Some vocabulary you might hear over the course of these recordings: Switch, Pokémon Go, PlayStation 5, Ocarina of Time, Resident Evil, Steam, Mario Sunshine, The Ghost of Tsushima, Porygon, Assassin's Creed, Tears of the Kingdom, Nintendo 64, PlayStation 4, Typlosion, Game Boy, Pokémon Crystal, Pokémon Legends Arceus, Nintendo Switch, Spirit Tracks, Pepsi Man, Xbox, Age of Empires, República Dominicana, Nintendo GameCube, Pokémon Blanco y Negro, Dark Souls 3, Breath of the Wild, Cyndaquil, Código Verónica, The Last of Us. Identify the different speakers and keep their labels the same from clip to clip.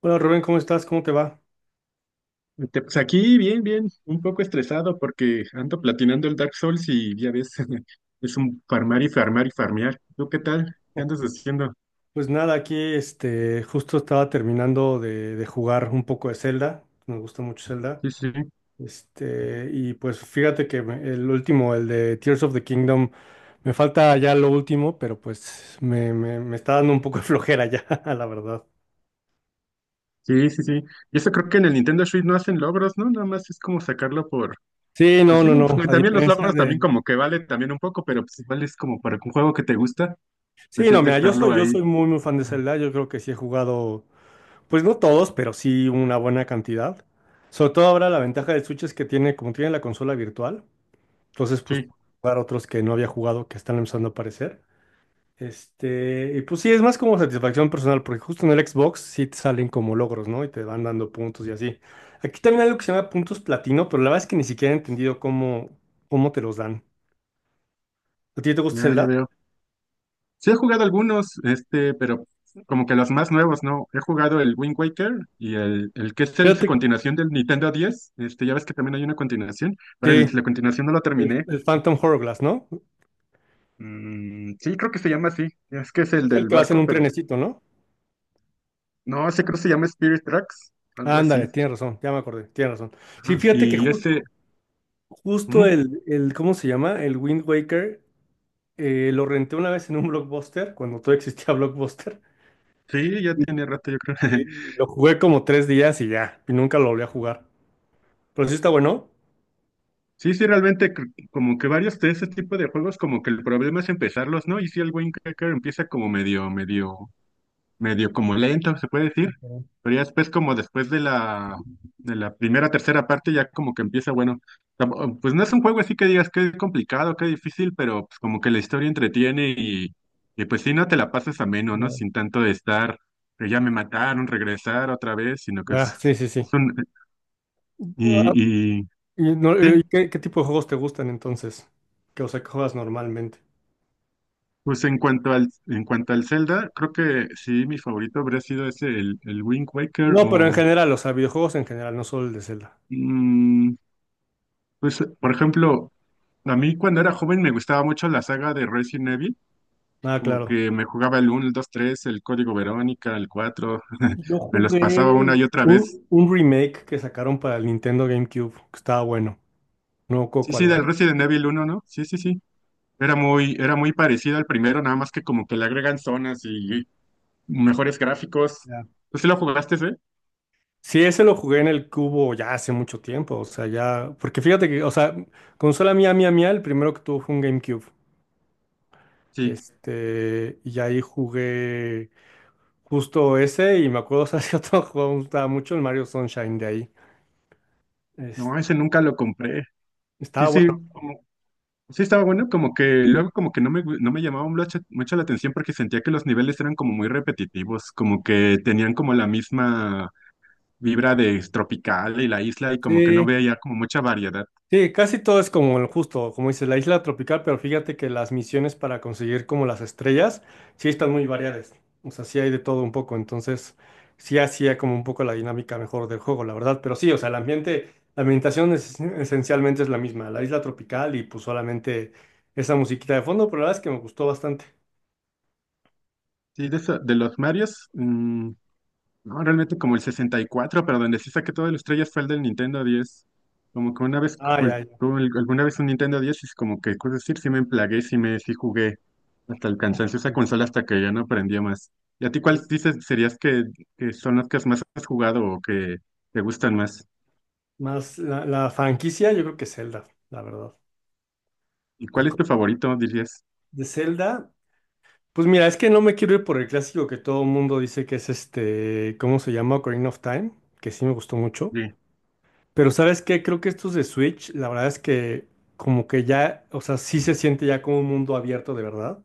Speaker 1: Hola Rubén, ¿cómo estás? ¿Cómo te va?
Speaker 2: Pues aquí bien, bien, un poco estresado porque ando platinando el Dark Souls y ya ves, es un farmar y farmar y farmear. ¿Tú qué tal? ¿Qué andas haciendo?
Speaker 1: Pues nada, aquí justo estaba terminando de jugar un poco de Zelda. Me gusta mucho Zelda.
Speaker 2: Sí, sí,
Speaker 1: Y pues fíjate que el último, el de Tears of the Kingdom, me falta ya lo último, pero pues me está dando un poco de flojera ya, la verdad.
Speaker 2: sí, sí, sí. Y eso creo que en el Nintendo Switch no hacen logros, ¿no? Nada más es como sacarlo por.
Speaker 1: Sí,
Speaker 2: Pues
Speaker 1: no,
Speaker 2: sí,
Speaker 1: no,
Speaker 2: no, pues,
Speaker 1: no.
Speaker 2: no,
Speaker 1: A
Speaker 2: también los
Speaker 1: diferencia
Speaker 2: logros
Speaker 1: de.
Speaker 2: también como que vale también un poco, pero pues igual es como para un juego que te gusta,
Speaker 1: Sí,
Speaker 2: pues
Speaker 1: no,
Speaker 2: es de
Speaker 1: mira, yo
Speaker 2: estarlo
Speaker 1: soy, yo
Speaker 2: ahí.
Speaker 1: soy muy, muy fan de
Speaker 2: Ah,
Speaker 1: Zelda. Yo creo que sí he jugado, pues no todos, pero sí una buena cantidad. Sobre todo ahora la ventaja del Switch es que como tiene la consola virtual. Entonces, pues,
Speaker 2: sí,
Speaker 1: jugar otros que no había jugado que están empezando a aparecer. Y pues sí, es más como satisfacción personal, porque justo en el Xbox sí te salen como logros, ¿no? Y te van dando puntos y así. Aquí también hay algo que se llama puntos platino, pero la verdad es que ni siquiera he entendido cómo te los dan. ¿A ti te gusta
Speaker 2: ya, ya
Speaker 1: Zelda?
Speaker 2: veo. Sí he jugado algunos, pero como que los más nuevos, ¿no? He jugado el Wind Waker y el que es su
Speaker 1: Fíjate
Speaker 2: continuación del Nintendo 10. Ya ves que también hay una continuación, pero el-
Speaker 1: que
Speaker 2: la continuación no la
Speaker 1: el,
Speaker 2: terminé.
Speaker 1: el Phantom Hourglass, ¿no?
Speaker 2: Mm, sí, creo que se llama así. Es que es el
Speaker 1: Es el
Speaker 2: del
Speaker 1: que vas en
Speaker 2: barco,
Speaker 1: un
Speaker 2: pero
Speaker 1: trenecito, ¿no?
Speaker 2: no, sé creo que se llama Spirit Tracks, algo
Speaker 1: Ándale,
Speaker 2: así.
Speaker 1: tienes razón, ya me acordé, tienes razón. Sí,
Speaker 2: Ajá.
Speaker 1: fíjate que
Speaker 2: Y ese, ujú,
Speaker 1: ¿cómo se llama? El Wind Waker. Lo renté una vez en un Blockbuster, cuando todavía existía Blockbuster.
Speaker 2: sí, ya
Speaker 1: Sí.
Speaker 2: tiene rato, yo creo.
Speaker 1: Eh, Lo jugué como tres días y ya, y nunca lo volví a jugar. Pero sí está bueno.
Speaker 2: Sí, sí, realmente como que varios de ese tipo de juegos, como que el problema es empezarlos, ¿no? Y si el Wind Waker empieza como medio como lento, se puede decir,
Speaker 1: Pero
Speaker 2: pero ya después como después de la primera, tercera parte, ya como que empieza, bueno, pues no es un juego así que digas que es complicado, que difícil, pero pues como que la historia entretiene y pues sí, no te la pasas ameno, ¿no?
Speaker 1: ya.
Speaker 2: Sin tanto de estar, que ya me mataron, regresar otra vez, sino que
Speaker 1: Ah,
Speaker 2: es,
Speaker 1: sí, sí, sí.
Speaker 2: es un,
Speaker 1: Ah,
Speaker 2: y
Speaker 1: y no,
Speaker 2: sí.
Speaker 1: ¿qué tipo de juegos te gustan entonces? Que, o sea, que juegas normalmente.
Speaker 2: Pues en cuanto al Zelda, creo que sí, mi favorito habría sido ese, el Wind Waker
Speaker 1: No, pero en
Speaker 2: o
Speaker 1: general, o sea, videojuegos en general, no solo el de Zelda.
Speaker 2: mm, pues por ejemplo, a mí cuando era joven me gustaba mucho la saga de Resident Evil,
Speaker 1: Ah,
Speaker 2: como
Speaker 1: claro.
Speaker 2: que me jugaba el uno el 2 3 el Código Verónica, el 4
Speaker 1: Yo
Speaker 2: me los pasaba una
Speaker 1: jugué
Speaker 2: y otra vez.
Speaker 1: un remake que sacaron para el Nintendo GameCube, que estaba bueno. No me acuerdo
Speaker 2: Sí,
Speaker 1: cuál
Speaker 2: sí,
Speaker 1: era.
Speaker 2: del Resident Evil uno, ¿no? Sí, sí, sí. Era muy parecido al primero, nada más que como que le agregan zonas y mejores gráficos. ¿Tú sí lo jugaste, eh?
Speaker 1: Sí, ese lo jugué en el cubo ya hace mucho tiempo, o sea, ya, porque fíjate que, o sea, consola mía, mía, mía, el primero que tuvo fue un GameCube.
Speaker 2: Sí.
Speaker 1: Y ahí jugué justo ese, y me acuerdo, o sea, si otro juego me gustaba mucho, el Mario Sunshine de ahí. Es-
Speaker 2: No, ese nunca lo compré. Sí,
Speaker 1: Estaba bueno.
Speaker 2: sí, sí estaba bueno, como que luego como que no me llamaba mucho, mucho la atención porque sentía que los niveles eran como muy repetitivos, como que tenían como la misma vibra de tropical y la isla y como que no
Speaker 1: Sí.
Speaker 2: veo ya como mucha variedad.
Speaker 1: Sí, casi todo es como el justo, como dices, la isla tropical, pero fíjate que las misiones para conseguir como las estrellas sí están muy variadas. O sea, sí hay de todo un poco, entonces sí hacía como un poco la dinámica mejor del juego, la verdad. Pero sí, o sea, el ambiente, la ambientación esencialmente es la misma, la isla tropical y pues solamente esa musiquita de fondo, pero la verdad es que me gustó bastante.
Speaker 2: Sí, de los Marios, no, realmente como el 64, pero donde sí saqué todas las estrellas fue el del Nintendo 10. Como que una vez,
Speaker 1: Ah,
Speaker 2: pues
Speaker 1: ya, ya.
Speaker 2: tuve alguna vez un Nintendo 10 y es como que, pues decir, sí me emplagué, sí jugué hasta el cansancio esa consola
Speaker 1: Ok.
Speaker 2: hasta que ya no aprendía más. ¿Y a ti cuáles dices serías que son las que más has jugado o que te gustan más?
Speaker 1: Más la franquicia, yo creo que Zelda, la verdad.
Speaker 2: ¿Y
Speaker 1: Y
Speaker 2: cuál es
Speaker 1: co-
Speaker 2: tu favorito, dirías?
Speaker 1: De Zelda. Pues mira, es que no me quiero ir por el clásico que todo el mundo dice que es este, ¿cómo se llama? Ocarina of Time, que sí me gustó mucho.
Speaker 2: Sí,
Speaker 1: Pero ¿sabes qué? Creo que estos de Switch, la verdad es que como que ya, o sea, sí se siente ya como un mundo abierto de verdad.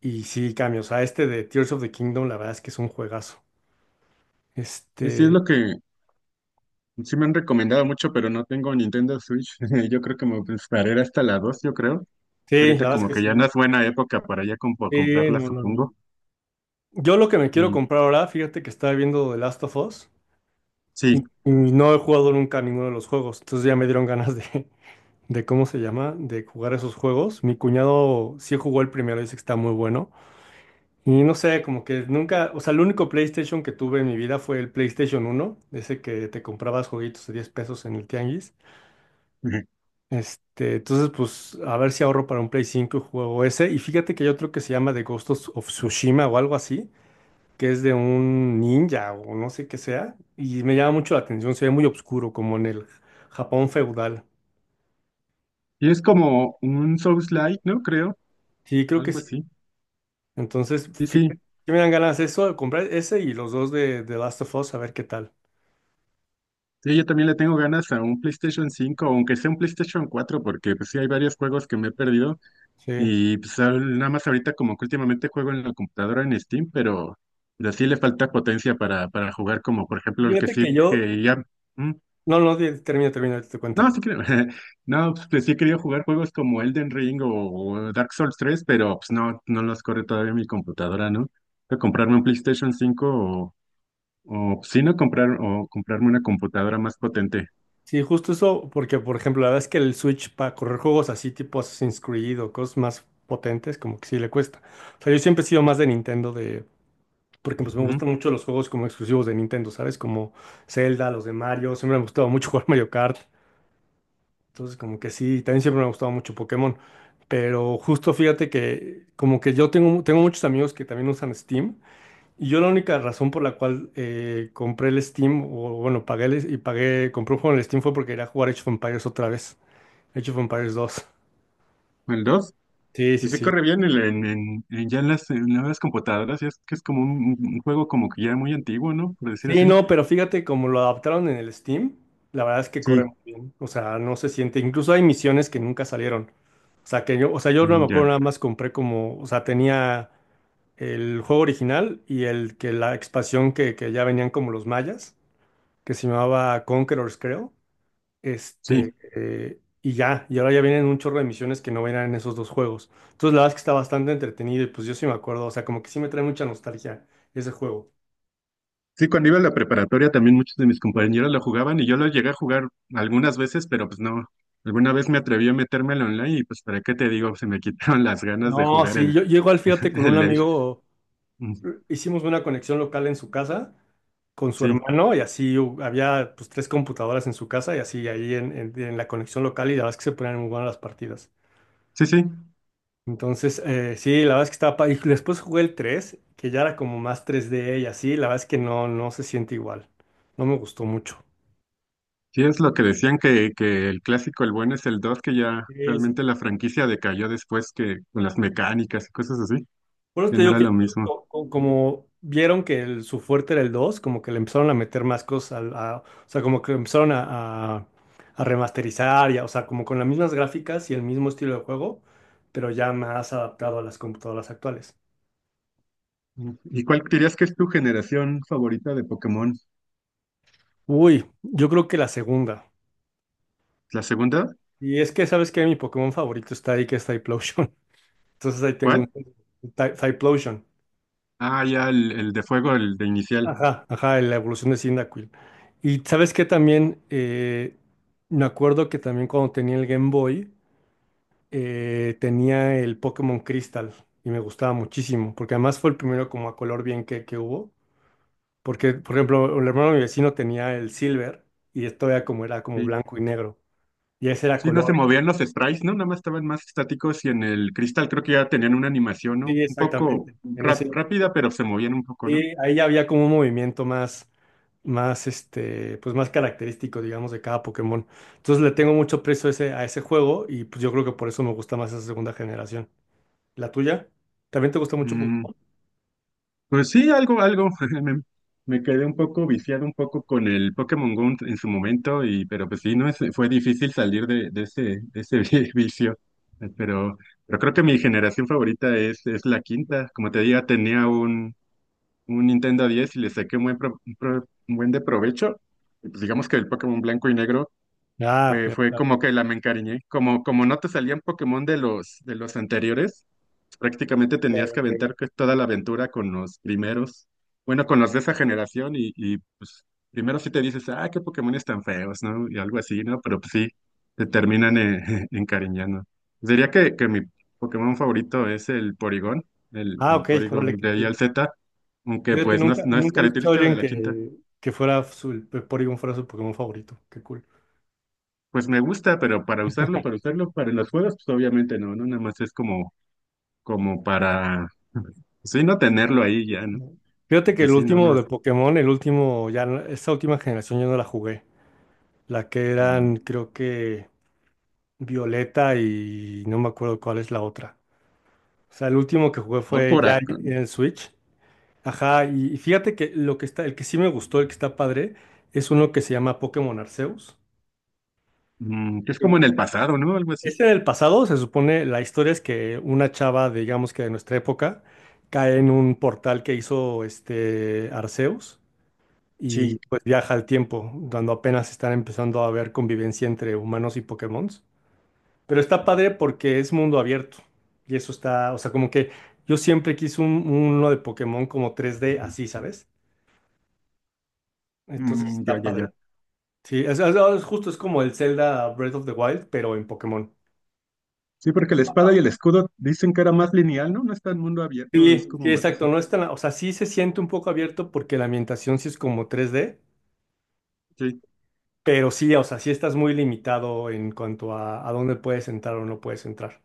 Speaker 1: Y sí cambia, o sea, este de Tears of the Kingdom, la verdad es que es un juegazo.
Speaker 2: sí, sí, es
Speaker 1: Este,
Speaker 2: lo que. Sí me han recomendado mucho, pero no tengo Nintendo Switch. Yo creo que me esperaré hasta la 2, yo creo. Y
Speaker 1: sí,
Speaker 2: ahorita
Speaker 1: la verdad es
Speaker 2: como
Speaker 1: que
Speaker 2: que ya no
Speaker 1: sí.
Speaker 2: es buena época para ya
Speaker 1: Sí,
Speaker 2: comprarla,
Speaker 1: no, no, no.
Speaker 2: supongo.
Speaker 1: Yo lo que me quiero
Speaker 2: Y
Speaker 1: comprar ahora, fíjate que estaba viendo The Last of Us
Speaker 2: sí.
Speaker 1: y no he jugado nunca ninguno de los juegos, entonces ya me dieron ganas de cómo se llama, de jugar esos juegos. Mi cuñado sí jugó el primero, dice que está muy bueno. Y no sé, como que nunca, o sea, el único PlayStation que tuve en mi vida fue el PlayStation uno ese que te comprabas jueguitos de 10 pesos en el Tianguis. Entonces, pues, a ver si ahorro para un Play 5 y juego ese. Y fíjate que hay otro que se llama The Ghost of Tsushima o algo así, que es de un ninja o no sé qué sea. Y me llama mucho la atención, se ve muy oscuro, como en el Japón feudal.
Speaker 2: Y es como un Souls-like, ¿no? Creo.
Speaker 1: Sí, creo que
Speaker 2: Algo
Speaker 1: sí.
Speaker 2: así.
Speaker 1: Entonces,
Speaker 2: Sí,
Speaker 1: fíjate,
Speaker 2: sí.
Speaker 1: me dan ganas de eso, de comprar ese y los dos de The Last of Us, a ver qué tal.
Speaker 2: Sí, yo también le tengo ganas a un PlayStation 5, aunque sea un PlayStation 4, porque pues sí hay varios juegos que me he perdido.
Speaker 1: Sí.
Speaker 2: Y pues nada más ahorita como que últimamente juego en la computadora en Steam, pero sí le falta potencia para jugar como por ejemplo el que
Speaker 1: Fíjate que
Speaker 2: sí,
Speaker 1: yo.
Speaker 2: que ya. mm,
Speaker 1: No, no, termina, termina, ahorita te cuento.
Speaker 2: No, sí creo. No, pues, sí he querido jugar juegos como Elden Ring o Dark Souls 3, pero pues no, no los corre todavía mi computadora, ¿no? Tengo que comprarme un PlayStation 5 o si no comprarme una computadora más potente.
Speaker 1: Sí, justo eso, porque por ejemplo, la verdad es que el Switch para correr juegos así tipo Assassin's Creed o cosas más potentes, como que sí le cuesta. O sea, yo siempre he sido más de Nintendo, de. Porque pues me
Speaker 2: Ujú.
Speaker 1: gustan mucho los juegos como exclusivos de Nintendo, ¿sabes? Como Zelda, los de Mario, siempre me ha gustado mucho jugar Mario Kart. Entonces, como que sí, también siempre me ha gustado mucho Pokémon. Pero justo fíjate que como que yo tengo muchos amigos que también usan Steam, y yo la única razón por la cual compré el Steam, o bueno, pagué el- y pagué, compré un juego en el Steam fue porque quería jugar Age of Empires otra vez, Age of Empires 2.
Speaker 2: El 2.
Speaker 1: Sí,
Speaker 2: Y
Speaker 1: sí,
Speaker 2: se
Speaker 1: sí.
Speaker 2: corre bien ya en las computadoras, ya es que es como un juego como que ya muy antiguo, ¿no? Por decir
Speaker 1: Sí,
Speaker 2: así.
Speaker 1: no, pero fíjate como lo adaptaron en el Steam, la verdad es que corre muy
Speaker 2: Sí,
Speaker 1: bien, o sea, no se siente, incluso hay misiones que nunca salieron. O sea, que yo, o sea, yo no
Speaker 2: mm,
Speaker 1: me
Speaker 2: ya.
Speaker 1: acuerdo, nada más compré como, o sea, tenía el juego original y el que la expansión que ya venían como los mayas, que se llamaba Conquerors, creo.
Speaker 2: Sí.
Speaker 1: Y ya, y ahora ya vienen un chorro de misiones que no venían en esos dos juegos. Entonces, la verdad es que está bastante entretenido y pues yo sí me acuerdo, o sea, como que sí me trae mucha nostalgia ese juego.
Speaker 2: Sí, cuando iba a la preparatoria también muchos de mis compañeros lo jugaban y yo lo llegué a jugar algunas veces, pero pues no. Alguna vez me atreví a meterme al online y pues para qué te digo, se me quitaron las ganas de
Speaker 1: No,
Speaker 2: jugar
Speaker 1: sí,
Speaker 2: el,
Speaker 1: yo llego al fíjate con un
Speaker 2: el Age.
Speaker 1: amigo,
Speaker 2: Mm,
Speaker 1: hicimos una conexión local en su casa con su
Speaker 2: sí,
Speaker 1: hermano y así había pues tres computadoras en su casa y así ahí en la conexión local y la verdad es que se ponían muy buenas las partidas.
Speaker 2: sí, sí.
Speaker 1: Entonces, sí, la verdad es que estaba. Y después jugué el 3, que ya era como más 3D y así, la verdad es que no se siente igual. No me gustó mucho.
Speaker 2: Sí, es lo que decían que el clásico, el bueno es el 2 que ya
Speaker 1: Sí, sí,
Speaker 2: realmente
Speaker 1: sí.
Speaker 2: la franquicia decayó después que con las mecánicas y cosas así,
Speaker 1: Por eso
Speaker 2: ya
Speaker 1: te
Speaker 2: no
Speaker 1: digo
Speaker 2: era
Speaker 1: que yo
Speaker 2: lo
Speaker 1: creo que
Speaker 2: mismo.
Speaker 1: como, vieron que su fuerte era el 2, como que le empezaron a meter más cosas, o sea, como que empezaron a, a remasterizar, y o sea, como con las mismas gráficas y el mismo estilo de juego, pero ya más adaptado a las computadoras actuales.
Speaker 2: Mm. ¿Y cuál dirías que es tu generación favorita de Pokémon?
Speaker 1: Uy, yo creo que la segunda.
Speaker 2: ¿La segunda?
Speaker 1: Y es que, ¿sabes qué? Mi Pokémon favorito está ahí, que es Typlosion. Entonces ahí tengo
Speaker 2: ¿Cuál?
Speaker 1: un Typlosion.
Speaker 2: Ah, ya el de fuego, el de inicial.
Speaker 1: Ajá, ajá, la evolución de Cyndaquil. Y sabes que también me acuerdo que también cuando tenía el Game Boy, tenía el Pokémon Crystal y me gustaba muchísimo, porque además fue el primero como a color bien que hubo. Porque, por ejemplo, el hermano de mi vecino tenía el Silver y esto era como,
Speaker 2: Sí.
Speaker 1: blanco y negro. Y ese era
Speaker 2: Sí, no se
Speaker 1: color.
Speaker 2: movían los sprites, ¿no? Nada más estaban más estáticos y en el cristal creo que ya tenían una animación, ¿no?
Speaker 1: Sí,
Speaker 2: Un poco
Speaker 1: exactamente. En ese.
Speaker 2: rápida, pero se movían un poco, ¿no?
Speaker 1: Sí, ahí ya había como un movimiento más, más, pues más característico, digamos, de cada Pokémon. Entonces le tengo mucho precio a ese juego y pues yo creo que por eso me gusta más esa segunda generación. ¿La tuya? ¿También te gusta mucho
Speaker 2: Mm,
Speaker 1: Pokémon?
Speaker 2: pues sí, algo, algo. Me, me quedé un poco viciado un poco con el Pokémon Go en su momento, y, pero pues sí, no es, fue difícil salir de ese vicio. Eh, Pero, pero creo que mi generación favorita es la quinta. Como te diga, tenía un Nintendo 10 y le saqué un buen de provecho. Y, pues digamos que el Pokémon blanco y negro
Speaker 1: Ah,
Speaker 2: Fue,
Speaker 1: ya
Speaker 2: fue
Speaker 1: está.
Speaker 2: como que la me encariñé. Como no te salían Pokémon de los anteriores, prácticamente
Speaker 1: Ok,
Speaker 2: tenías que
Speaker 1: ok.
Speaker 2: aventar toda la aventura con los primeros, bueno, con los de esa generación y pues primero sí te dices, ah, qué Pokémones tan feos, ¿no? Y algo así, ¿no? Pero pues sí, te terminan encariñando. Diría que mi Pokémon favorito es el Porygon, el,
Speaker 1: Ah,
Speaker 2: el
Speaker 1: ok, órale,
Speaker 2: Porygon
Speaker 1: qué
Speaker 2: de I al
Speaker 1: chido.
Speaker 2: Z, aunque
Speaker 1: Fíjate,
Speaker 2: pues no,
Speaker 1: nunca,
Speaker 2: no es
Speaker 1: nunca he escuchado a
Speaker 2: característico de
Speaker 1: alguien
Speaker 2: la quinta.
Speaker 1: que Porygon fuera su Pokémon favorito. Qué cool.
Speaker 2: Pues me gusta, pero para usarlo, para los juegos, pues obviamente no, ¿no? Nada más es como para, sí, no tenerlo ahí ya, ¿no?
Speaker 1: No. Fíjate que
Speaker 2: Porque
Speaker 1: el
Speaker 2: sí, no,
Speaker 1: último
Speaker 2: no,
Speaker 1: de Pokémon, el último, ya, esa última generación yo no la jugué. La que
Speaker 2: mm,
Speaker 1: eran, creo que. Violeta y no me acuerdo cuál es la otra. O sea, el último que jugué
Speaker 2: por
Speaker 1: fue
Speaker 2: por
Speaker 1: ya en Switch. Ajá, y fíjate que lo que está, el que sí me gustó, el que está padre, es uno que se llama Pokémon Arceus.
Speaker 2: que es como en
Speaker 1: Que.
Speaker 2: el pasado, ¿no? Algo así.
Speaker 1: Es en el pasado, se supone, la historia es que una chava, digamos que de nuestra época, cae en un portal que hizo este Arceus y
Speaker 2: Sí,
Speaker 1: pues viaja al tiempo, cuando apenas están empezando a haber convivencia entre humanos y Pokémon. Pero está padre porque es mundo abierto. Y eso está, o sea, como que yo siempre quise uno de Pokémon como 3D así, ¿sabes? Entonces
Speaker 2: mm, ya,
Speaker 1: está
Speaker 2: ya, ya.
Speaker 1: padre. Sí, es justo es como el Zelda Breath of the Wild, pero en Pokémon.
Speaker 2: Sí, porque la espada y el escudo dicen que era más lineal, ¿no? No está en mundo abierto, es
Speaker 1: Sí,
Speaker 2: como
Speaker 1: sí,
Speaker 2: más
Speaker 1: exacto.
Speaker 2: así.
Speaker 1: No es tan, o sea, sí se siente un poco abierto porque la ambientación sí es como 3D.
Speaker 2: Sí,
Speaker 1: Pero sí, o sea, sí estás muy limitado en cuanto a dónde puedes entrar o no puedes entrar.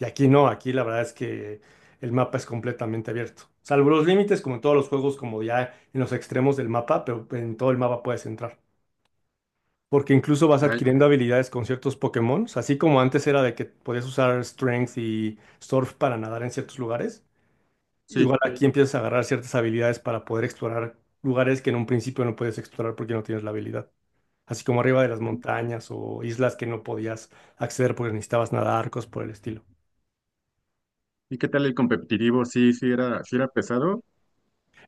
Speaker 1: Y aquí no, aquí la verdad es que el mapa es completamente abierto. Salvo los límites, como en todos los juegos, como ya en los extremos del mapa, pero en todo el mapa puedes entrar. Porque incluso vas
Speaker 2: ay,
Speaker 1: adquiriendo habilidades con ciertos Pokémon, así como antes era de que podías usar Strength y Surf para nadar en ciertos lugares.
Speaker 2: sí.
Speaker 1: Igual sí, aquí empiezas a agarrar ciertas habilidades para poder explorar lugares que en un principio no puedes explorar porque no tienes la habilidad así como arriba de las montañas o islas que no podías acceder porque necesitabas nadar, cosas por el estilo.
Speaker 2: ¿Y qué tal el competitivo? Sí, sí era pesado.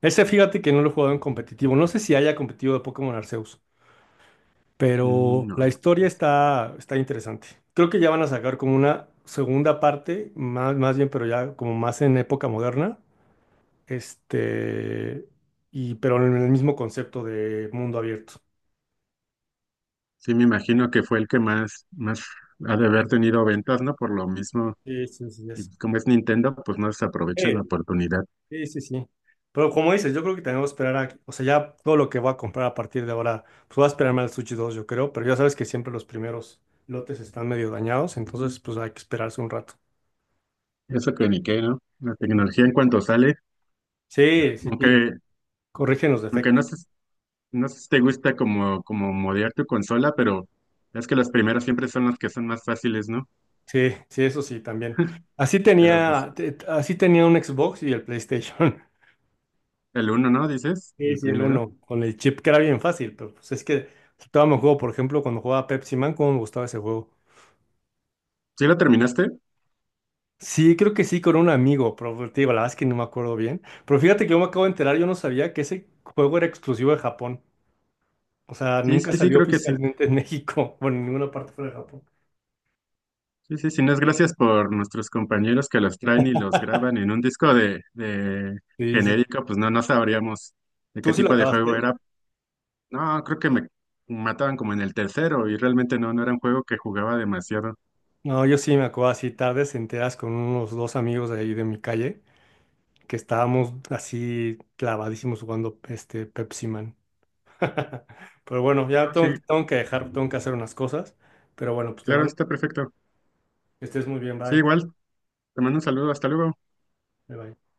Speaker 1: Ese fíjate que no lo he jugado en competitivo, no sé si haya competitivo de Pokémon Arceus,
Speaker 2: Mm,
Speaker 1: pero la
Speaker 2: no.
Speaker 1: historia está interesante. Creo que ya van a sacar como una segunda parte, más, más bien, pero ya como más en época moderna, este, y pero en el mismo concepto de mundo abierto.
Speaker 2: Sí, me imagino que fue el que más, más ha de haber tenido ventas, ¿no? Por lo mismo,
Speaker 1: Sí, sí, sí, ya
Speaker 2: y como es Nintendo, pues no desaprovechan la
Speaker 1: sé.
Speaker 2: oportunidad.
Speaker 1: Sí, sí, sí. Pero como dices, yo creo que tenemos que esperar a, o sea, ya todo lo que voy a comprar a partir de ahora, pues voy a esperarme al Sushi 2 yo creo, pero ya sabes que siempre los primeros lotes están medio dañados, entonces pues hay que esperarse un rato.
Speaker 2: Eso que ni qué, ¿no? La
Speaker 1: Pero-.
Speaker 2: tecnología en cuanto sale,
Speaker 1: Sí, sí, sí,
Speaker 2: aunque,
Speaker 1: corrigen los
Speaker 2: aunque
Speaker 1: defectos.
Speaker 2: no sé si te gusta como modear tu consola, pero es que las primeras siempre son las que son más fáciles, ¿no?
Speaker 1: Sí, sí, eso sí, también.
Speaker 2: Pero pues
Speaker 1: Así tenía un Xbox y el PlayStation.
Speaker 2: el uno, ¿no? Dices,
Speaker 1: Sí,
Speaker 2: el
Speaker 1: sí, el
Speaker 2: primero.
Speaker 1: uno, con el chip que era bien fácil, pero pues es que todavía me juego, por ejemplo, cuando jugaba Pepsi Man, cómo me gustaba ese juego.
Speaker 2: ¿Sí lo terminaste?
Speaker 1: Sí, creo que sí, con un amigo, pero te digo, la verdad es que no me acuerdo bien. Pero fíjate que yo me acabo de enterar, yo no sabía que ese juego era exclusivo de Japón. O sea,
Speaker 2: Sí,
Speaker 1: nunca
Speaker 2: sí, sí,
Speaker 1: salió
Speaker 2: creo que sí.
Speaker 1: oficialmente en México, bueno, en ninguna parte fuera de Japón.
Speaker 2: Sí, sí, sí, no es gracias por nuestros compañeros que los traen y los graban en un disco de
Speaker 1: Sí, sí.
Speaker 2: genérico, pues no, no sabríamos de qué
Speaker 1: ¿Tú sí lo
Speaker 2: tipo de
Speaker 1: acabaste?
Speaker 2: juego era. No, creo que me mataban como en el tercero y realmente no, no era un juego que jugaba demasiado.
Speaker 1: No, yo sí me acuerdo así tarde, se enteras con unos dos amigos de ahí de mi calle, que estábamos así clavadísimos jugando este Pepsi Man. Pero bueno, ya
Speaker 2: No, sí,
Speaker 1: tengo que dejar, tengo que hacer unas cosas. Pero bueno, pues te
Speaker 2: claro,
Speaker 1: mando
Speaker 2: está perfecto.
Speaker 1: que estés muy bien,
Speaker 2: Sí,
Speaker 1: bye.
Speaker 2: igual, te mando un saludo, hasta luego.
Speaker 1: Bye, bye.